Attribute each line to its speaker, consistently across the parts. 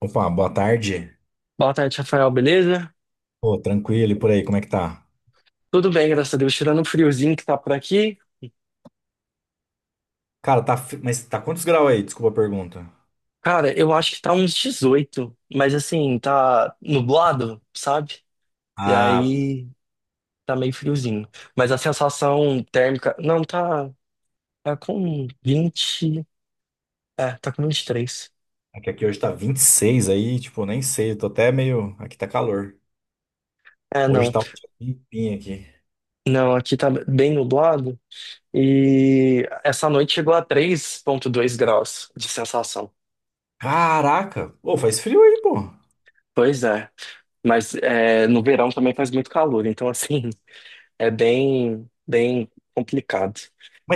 Speaker 1: Opa, boa tarde.
Speaker 2: Boa tarde, Rafael, beleza?
Speaker 1: Pô, tranquilo e por aí, como é que tá?
Speaker 2: Tudo bem, graças a Deus. Tirando o friozinho que tá por aqui.
Speaker 1: Cara, tá. Mas tá quantos graus aí? Desculpa a pergunta.
Speaker 2: Cara, eu acho que tá uns 18, mas assim, tá nublado, sabe? E
Speaker 1: Ah,
Speaker 2: aí tá meio friozinho. Mas a sensação térmica. Não, tá com 20. É, tá com 23.
Speaker 1: é que aqui hoje tá 26 aí, tipo, nem sei, eu tô até meio. Aqui tá calor.
Speaker 2: É,
Speaker 1: Hoje
Speaker 2: não.
Speaker 1: tá um dia limpinho aqui.
Speaker 2: Não, aqui tá bem nublado. E essa noite chegou a 3,2 graus de sensação.
Speaker 1: Caraca! Pô, faz frio aí, pô.
Speaker 2: Pois é. Mas é, no verão também faz muito calor, então assim. É bem, bem complicado.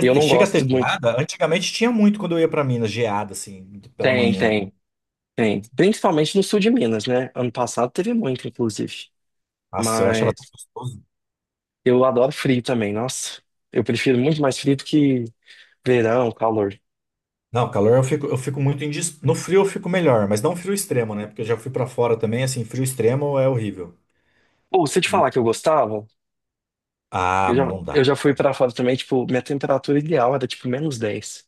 Speaker 2: E eu não
Speaker 1: chega a
Speaker 2: gosto
Speaker 1: ter
Speaker 2: muito.
Speaker 1: geada? Antigamente tinha muito quando eu ia pra Minas, geada, assim, pela
Speaker 2: Tem,
Speaker 1: manhã.
Speaker 2: tem, tem. Principalmente no sul de Minas, né? Ano passado teve muito, inclusive.
Speaker 1: Nossa, eu achava
Speaker 2: Mas
Speaker 1: tão gostoso.
Speaker 2: eu adoro frio também, nossa. Eu prefiro muito mais frio do que verão, calor.
Speaker 1: Não, calor eu fico muito. No frio eu fico melhor, mas não frio extremo, né? Porque eu já fui pra fora também, assim, frio extremo é horrível.
Speaker 2: Ou se eu te
Speaker 1: Hum.
Speaker 2: falar que eu gostava,
Speaker 1: Ah,
Speaker 2: eu já,
Speaker 1: não
Speaker 2: eu
Speaker 1: dá.
Speaker 2: já fui pra fora também, tipo, minha temperatura ideal era tipo -10.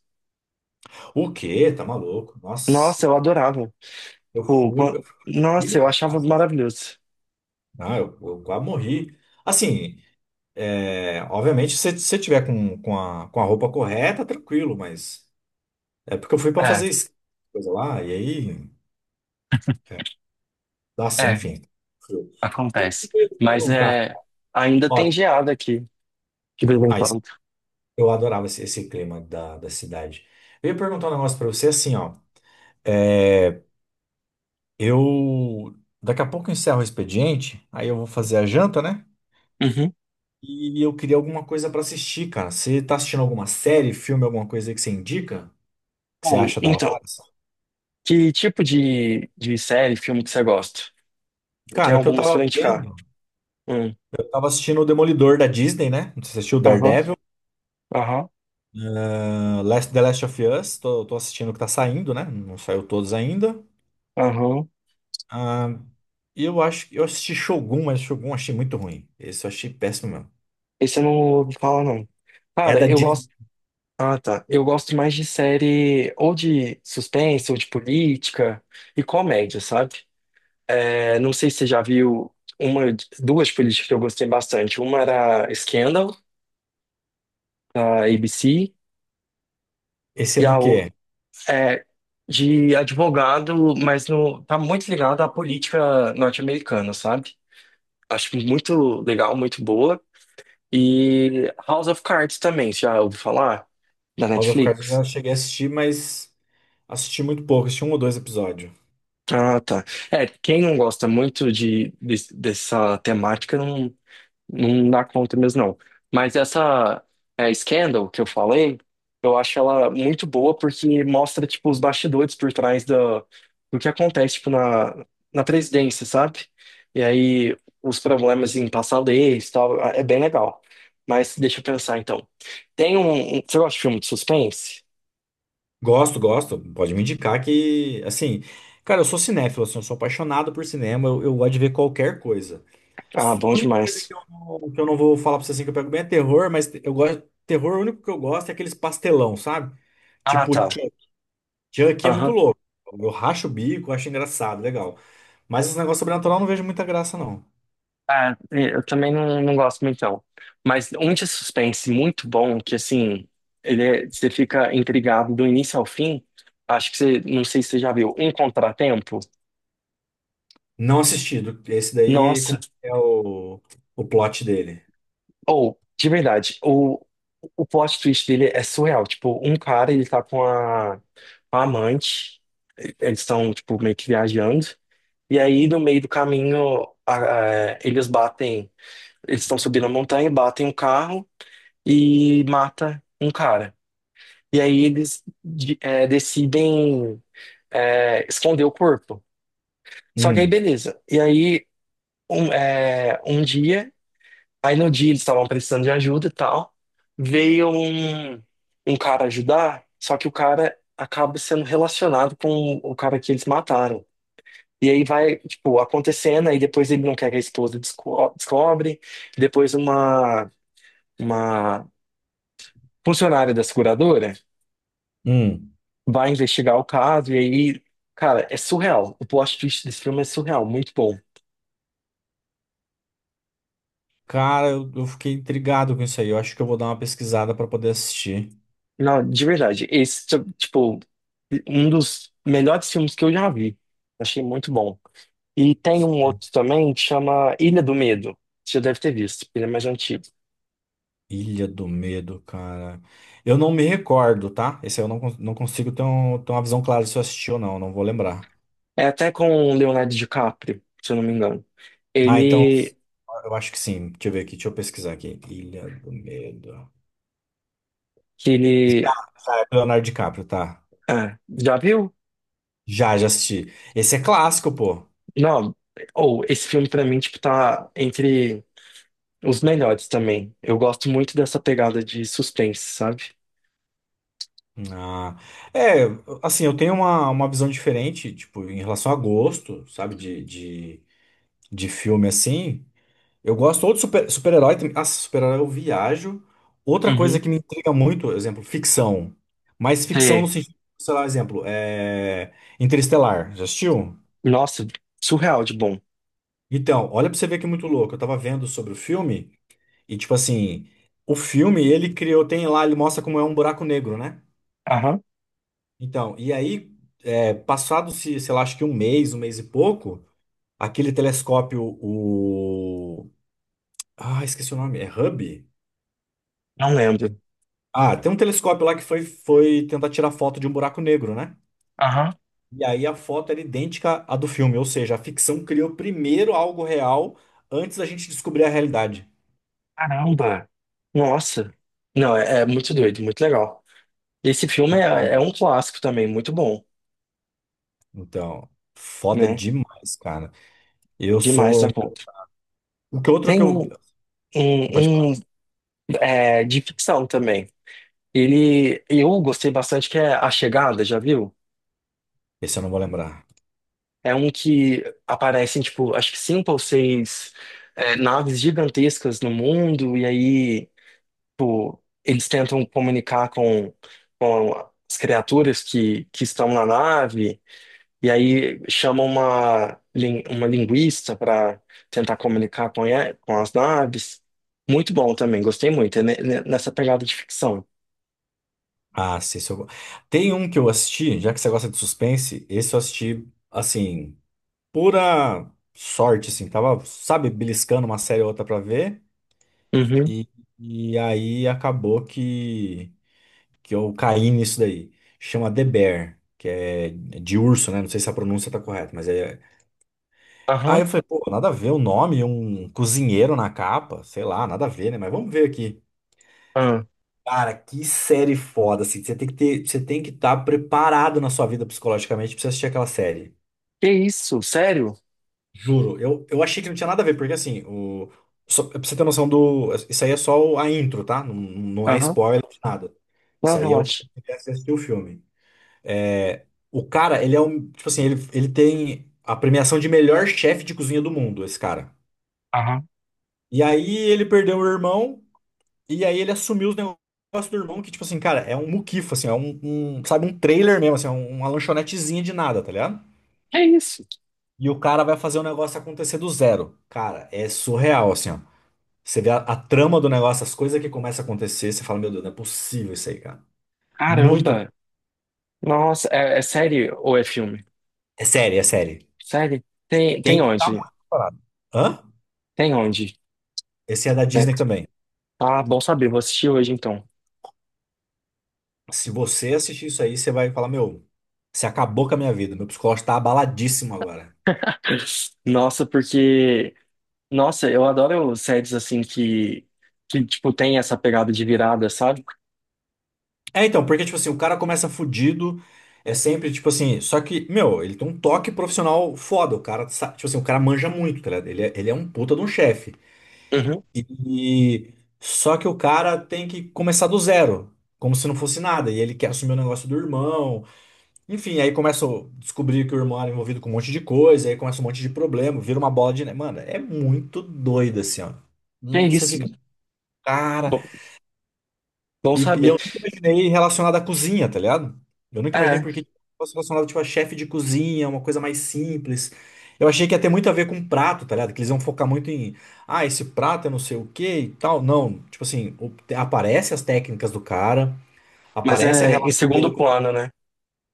Speaker 1: O quê? Tá maluco?
Speaker 2: Nossa,
Speaker 1: Nossa,
Speaker 2: eu adorava. Tipo,
Speaker 1: eu fui pra
Speaker 2: nossa,
Speaker 1: Chile,
Speaker 2: eu
Speaker 1: cara,
Speaker 2: achava
Speaker 1: quase.
Speaker 2: maravilhoso.
Speaker 1: Não, eu quase morri. Assim, é, obviamente, se você tiver com, com a roupa correta, tranquilo, mas é porque eu fui pra
Speaker 2: É,
Speaker 1: fazer esqui, coisa lá, e aí, é, nossa,
Speaker 2: é,
Speaker 1: enfim. Frio.
Speaker 2: acontece.
Speaker 1: Eu ia te
Speaker 2: Mas
Speaker 1: perguntar,
Speaker 2: é, ainda tem
Speaker 1: ó,
Speaker 2: geada aqui, de vez em
Speaker 1: ah, isso-
Speaker 2: quando.
Speaker 1: eu adorava esse, esse clima da, da cidade. Eu ia perguntar um negócio pra você, assim, ó, é, eu, daqui a pouco eu encerro o expediente, aí eu vou fazer a janta, né?
Speaker 2: Uhum.
Speaker 1: E eu queria alguma coisa pra assistir, cara. Você tá assistindo alguma série, filme, alguma coisa aí que você indica? Que você
Speaker 2: Ou,
Speaker 1: acha da
Speaker 2: então,
Speaker 1: hora? Sabe?
Speaker 2: que tipo de série, filme que você gosta? Eu
Speaker 1: Cara,
Speaker 2: tenho
Speaker 1: o que eu
Speaker 2: algumas
Speaker 1: tava
Speaker 2: pra indicar.
Speaker 1: vendo,
Speaker 2: Hum.
Speaker 1: eu tava assistindo o Demolidor da Disney, né? Não sei se você assistiu
Speaker 2: Aham,
Speaker 1: Daredevil?
Speaker 2: aham,
Speaker 1: Ah, The Last of Us, tô, tô assistindo o que tá saindo, né? Não saiu todos ainda.
Speaker 2: aham.
Speaker 1: Ah, eu acho que eu assisti Shogun, mas Shogun eu achei muito ruim. Esse eu achei péssimo mesmo.
Speaker 2: Esse eu não ouvi falar, não.
Speaker 1: É
Speaker 2: Cara,
Speaker 1: da
Speaker 2: eu
Speaker 1: Disney.
Speaker 2: gosto. Ah, tá. Eu gosto mais de série ou de suspense, ou de política e comédia, sabe? É, não sei se você já viu uma, duas políticas que eu gostei bastante. Uma era Scandal, da ABC,
Speaker 1: Esse é
Speaker 2: e a
Speaker 1: do quê?
Speaker 2: é de advogado, mas no, tá muito ligado à política norte-americana, sabe? Acho muito legal, muito boa. E House of Cards também, você já ouviu falar? Da
Speaker 1: House of Cards eu
Speaker 2: Netflix?
Speaker 1: já cheguei a assistir, mas assisti muito pouco, assisti um ou dois episódios.
Speaker 2: Ah, tá. É, quem não gosta muito dessa temática não, não dá conta mesmo, não. Mas essa é, Scandal que eu falei, eu acho ela muito boa porque mostra, tipo, os bastidores por trás do que acontece, tipo, na presidência, sabe? E aí, os problemas em passar leis e tal, é bem legal. Mas deixa eu pensar, então. Tem você gosta de filme de suspense?
Speaker 1: Gosto, gosto. Pode me indicar que, assim, cara, eu sou cinéfilo, assim, eu sou apaixonado por cinema, eu gosto de ver qualquer coisa.
Speaker 2: Ah, bom
Speaker 1: A única coisa
Speaker 2: demais.
Speaker 1: que eu não vou falar pra você assim que eu pego bem é terror, mas eu gosto. Terror, o único que eu gosto é aqueles pastelão, sabe?
Speaker 2: Ah,
Speaker 1: Tipo,
Speaker 2: tá.
Speaker 1: Chuck Chuck é muito
Speaker 2: Aham.
Speaker 1: louco. Eu racho o bico, acho engraçado, legal. Mas os negócios sobrenatural eu não vejo muita graça, não.
Speaker 2: Ah, é, eu também não gosto muito, não. Mas um de suspense muito bom, que assim, você fica intrigado do início ao fim. Acho que você, não sei se você já viu, Um Contratempo.
Speaker 1: Não assistido. Esse daí, como
Speaker 2: Nossa,
Speaker 1: é o plot dele?
Speaker 2: ou, de verdade, o plot twist dele é surreal. Tipo, um cara, ele tá com a amante, eles estão, tipo, meio que viajando. E aí, no meio do caminho, eles batem, eles estão subindo a montanha, batem um carro e mata um cara. E aí eles decidem esconder o corpo. Só que aí
Speaker 1: Hum,
Speaker 2: beleza. E aí um dia, aí no dia eles estavam precisando de ajuda e tal, veio um cara ajudar, só que o cara acaba sendo relacionado com o cara que eles mataram. E aí vai, tipo, acontecendo, aí depois ele não quer que a esposa descobre, depois uma funcionária da seguradora
Speaker 1: hum.
Speaker 2: vai investigar o caso e aí, cara, é surreal. O plot twist desse filme é surreal, muito bom.
Speaker 1: Cara, eu fiquei intrigado com isso aí. Eu acho que eu vou dar uma pesquisada pra poder assistir.
Speaker 2: Não, de verdade, esse, tipo, um dos melhores filmes que eu já vi. Achei muito bom. E tem um
Speaker 1: É.
Speaker 2: outro também que chama Ilha do Medo. Você já deve ter visto, ele é mais antigo.
Speaker 1: Ilha do Medo, cara. Eu não me recordo, tá? Esse aí eu não, cons- não consigo ter, ter uma visão clara se eu assisti ou não, não vou lembrar.
Speaker 2: É até com o Leonardo DiCaprio, se eu não me engano.
Speaker 1: Ah, então,
Speaker 2: Ele,
Speaker 1: eu acho que sim. Deixa eu ver aqui, deixa eu pesquisar aqui. Ilha do Medo.
Speaker 2: que
Speaker 1: Já
Speaker 2: ele,
Speaker 1: é do Leonardo DiCaprio, tá?
Speaker 2: ah, já viu?
Speaker 1: Já, já assisti. Esse é clássico, pô.
Speaker 2: Não, ou esse filme pra mim, tipo, tá entre os melhores também. Eu gosto muito dessa pegada de suspense, sabe?
Speaker 1: Ah, é, assim, eu tenho uma visão diferente, tipo, em relação a gosto, sabe, de filme assim. Eu gosto ou de super-herói também. Ah, super-herói eu viajo. Outra coisa
Speaker 2: Uhum.
Speaker 1: que me intriga muito, exemplo, ficção. Mas ficção no
Speaker 2: Sei.
Speaker 1: sentido, sei lá, exemplo. Interestelar. Já assistiu?
Speaker 2: Nossa, surreal de bom.
Speaker 1: Então, olha pra você ver que é muito louco. Eu tava vendo sobre o filme e, tipo assim, o filme ele criou, tem lá, ele mostra como é um buraco negro, né?
Speaker 2: Aham.
Speaker 1: Então, e aí, passado, se, sei lá, acho que um mês e pouco, aquele telescópio, o. Ah, esqueci o nome, é Hubble?
Speaker 2: Não lembro.
Speaker 1: Ah, tem um telescópio lá que foi, foi tentar tirar foto de um buraco negro, né?
Speaker 2: Aham.
Speaker 1: E aí a foto era idêntica à do filme, ou seja, a ficção criou primeiro algo real antes da gente descobrir a realidade.
Speaker 2: Caramba! Nossa! Não, é muito doido, muito legal. Esse filme é
Speaker 1: Bizarro.
Speaker 2: um clássico também, muito bom,
Speaker 1: Então, foda
Speaker 2: né?
Speaker 1: demais, cara. Eu
Speaker 2: Demais da
Speaker 1: sou.
Speaker 2: conta.
Speaker 1: O que outro que
Speaker 2: Tem
Speaker 1: eu.
Speaker 2: um,
Speaker 1: Pode falar.
Speaker 2: um, um, é, de ficção também. Ele, eu gostei bastante que é A Chegada, já viu?
Speaker 1: Esse eu não vou lembrar.
Speaker 2: É um que aparecem, tipo, acho que cinco ou seis naves gigantescas no mundo, e aí, tipo, eles tentam comunicar com, com as criaturas que estão na nave, e aí chamam uma linguista para tentar comunicar com as naves. Muito bom também, gostei muito, é nessa pegada de ficção.
Speaker 1: Ah, sim, esse eu... Tem um que eu assisti, já que você gosta de suspense, esse eu assisti, assim, pura sorte, assim. Tava, sabe, beliscando uma série ou outra pra ver.
Speaker 2: Uhum,
Speaker 1: E, e aí acabou que eu caí nisso daí. Chama The Bear, que é de urso, né? Não sei se a pronúncia tá correta, mas é. Aí
Speaker 2: aham,
Speaker 1: eu falei, pô, nada a ver o nome, um cozinheiro na capa, sei lá, nada a ver, né? Mas vamos ver aqui.
Speaker 2: aham.
Speaker 1: Cara, que série foda, assim. Você tem que estar preparado na sua vida psicologicamente pra você assistir aquela série.
Speaker 2: Que isso, sério?
Speaker 1: Juro, eu achei que não tinha nada a ver, porque assim, só, pra você ter noção do. Isso aí é só a intro, tá? Não, não é
Speaker 2: Aham.
Speaker 1: spoiler de nada.
Speaker 2: Não,
Speaker 1: Isso aí é o que
Speaker 2: relaxa.
Speaker 1: você assistir o filme. É. O cara, ele é um. Tipo assim, ele tem a premiação de melhor chefe de cozinha do mundo, esse cara.
Speaker 2: Aham.
Speaker 1: E aí ele perdeu o irmão, e aí ele assumiu os negócios do irmão, que, tipo assim, cara, é um muquifo, assim, é um, sabe, um trailer mesmo, assim, é uma lanchonetezinha de nada, tá ligado?
Speaker 2: É isso.
Speaker 1: E o cara vai fazer o negócio acontecer do zero. Cara, é surreal, assim, ó. Você vê a trama do negócio, as coisas que começam a acontecer, você fala, meu Deus, não é possível isso aí, cara. Muito.
Speaker 2: Caramba. Nossa, é série ou é filme?
Speaker 1: É série, é série.
Speaker 2: Série? Tem
Speaker 1: Tem que estar
Speaker 2: onde?
Speaker 1: muito preparado. Hã?
Speaker 2: Tem onde?
Speaker 1: Esse é da
Speaker 2: Né?
Speaker 1: Disney também.
Speaker 2: Ah, bom saber, vou assistir hoje então.
Speaker 1: Se você assistir isso aí, você vai falar, meu, você acabou com a minha vida. Meu psicológico tá abaladíssimo agora.
Speaker 2: Nossa, porque. Nossa, eu adoro séries assim que. Que, tipo, tem essa pegada de virada, sabe?
Speaker 1: É, então, porque, tipo assim, o cara começa fudido, é sempre, tipo assim, só que, meu, ele tem um toque profissional foda. O cara, tipo assim, o cara manja muito, tá ligado? Ele é um puta de um chefe.
Speaker 2: Uhum.
Speaker 1: E só que o cara tem que começar do zero, como se não fosse nada. E ele quer assumir o negócio do irmão. Enfim, aí começa a descobrir que o irmão era envolvido com um monte de coisa, aí começa um monte de problema, vira uma bola de neve. Mano, é muito doido assim, ó.
Speaker 2: É
Speaker 1: Hum. Você
Speaker 2: isso.
Speaker 1: fica, cara.
Speaker 2: Bom, bom
Speaker 1: E
Speaker 2: saber.
Speaker 1: eu nunca imaginei relacionado à cozinha, tá ligado? Eu nunca imaginei
Speaker 2: É,
Speaker 1: porque fosse relacionado, tipo, a chefe de cozinha, uma coisa mais simples. Eu achei que ia ter muito a ver com prato, tá ligado? Que eles iam focar muito em, ah, esse prato é não sei o quê e tal. Não, tipo assim, aparece as técnicas do cara,
Speaker 2: mas
Speaker 1: aparece a
Speaker 2: é em
Speaker 1: relação dele
Speaker 2: segundo
Speaker 1: com...
Speaker 2: plano, né?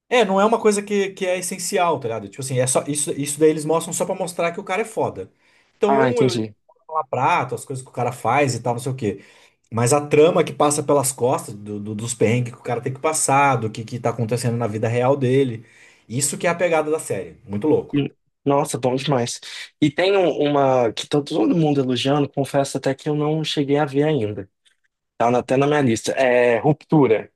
Speaker 1: É, não é uma coisa que é essencial, tá ligado? Tipo assim, é só, isso daí eles mostram só pra mostrar que o cara é foda. Então,
Speaker 2: Ah,
Speaker 1: eu ia
Speaker 2: entendi.
Speaker 1: falar prato, as coisas que o cara faz e tal, não sei o quê. Mas a trama que passa pelas costas dos perrengues que o cara tem que passar, do que tá acontecendo na vida real dele. Isso que é a pegada da série. Muito louco.
Speaker 2: Hum, Nossa, bom demais. E tem uma que tá todo mundo elogiando, confesso até que eu não cheguei a ver ainda. Tá até na minha lista. É Ruptura.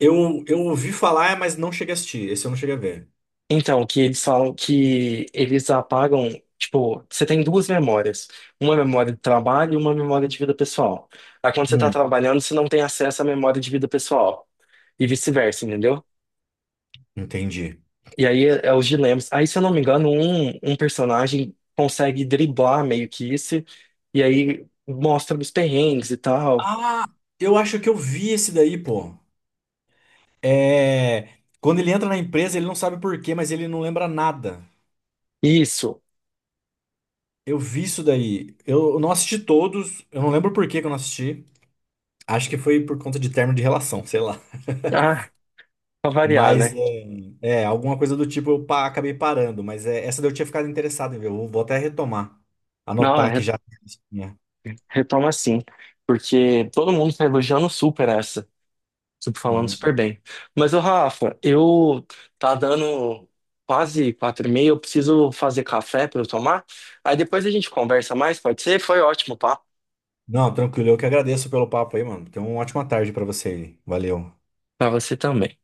Speaker 1: Eu ouvi falar, mas não cheguei a assistir. Esse eu não cheguei a ver.
Speaker 2: Então, que eles falam que eles apagam, tipo, você tem duas memórias. Uma memória de trabalho e uma memória de vida pessoal. Aí quando você tá
Speaker 1: Hum.
Speaker 2: trabalhando, você não tem acesso à memória de vida pessoal. E vice-versa, entendeu?
Speaker 1: Entendi.
Speaker 2: E aí é os dilemas. Aí, se eu não me engano, um personagem consegue driblar meio que isso, e aí mostra os perrengues e tal.
Speaker 1: Ah, eu acho que eu vi esse daí, pô. É. Quando ele entra na empresa, ele não sabe por quê, mas ele não lembra nada.
Speaker 2: Isso.
Speaker 1: Eu vi isso daí. Eu não assisti todos. Eu não lembro por que que eu não assisti. Acho que foi por conta de término de relação, sei lá.
Speaker 2: Ah, pra variar,
Speaker 1: Mas
Speaker 2: né?
Speaker 1: alguma coisa do tipo acabei parando, mas é, essa daí eu tinha ficado interessado em ver. Eu vou vou até retomar,
Speaker 2: Não,
Speaker 1: anotar aqui
Speaker 2: re-
Speaker 1: já. É.
Speaker 2: retoma assim, porque todo mundo tá elogiando super essa, super falando
Speaker 1: Hum.
Speaker 2: super bem. Mas, o Rafa, eu tá dando quase 4h30, eu preciso fazer café pra eu tomar. Aí depois a gente conversa mais, pode ser? Foi ótimo, pá.
Speaker 1: Não, tranquilo, eu que agradeço pelo papo aí, mano. Tenha uma ótima tarde pra você aí. Valeu.
Speaker 2: Pra você também.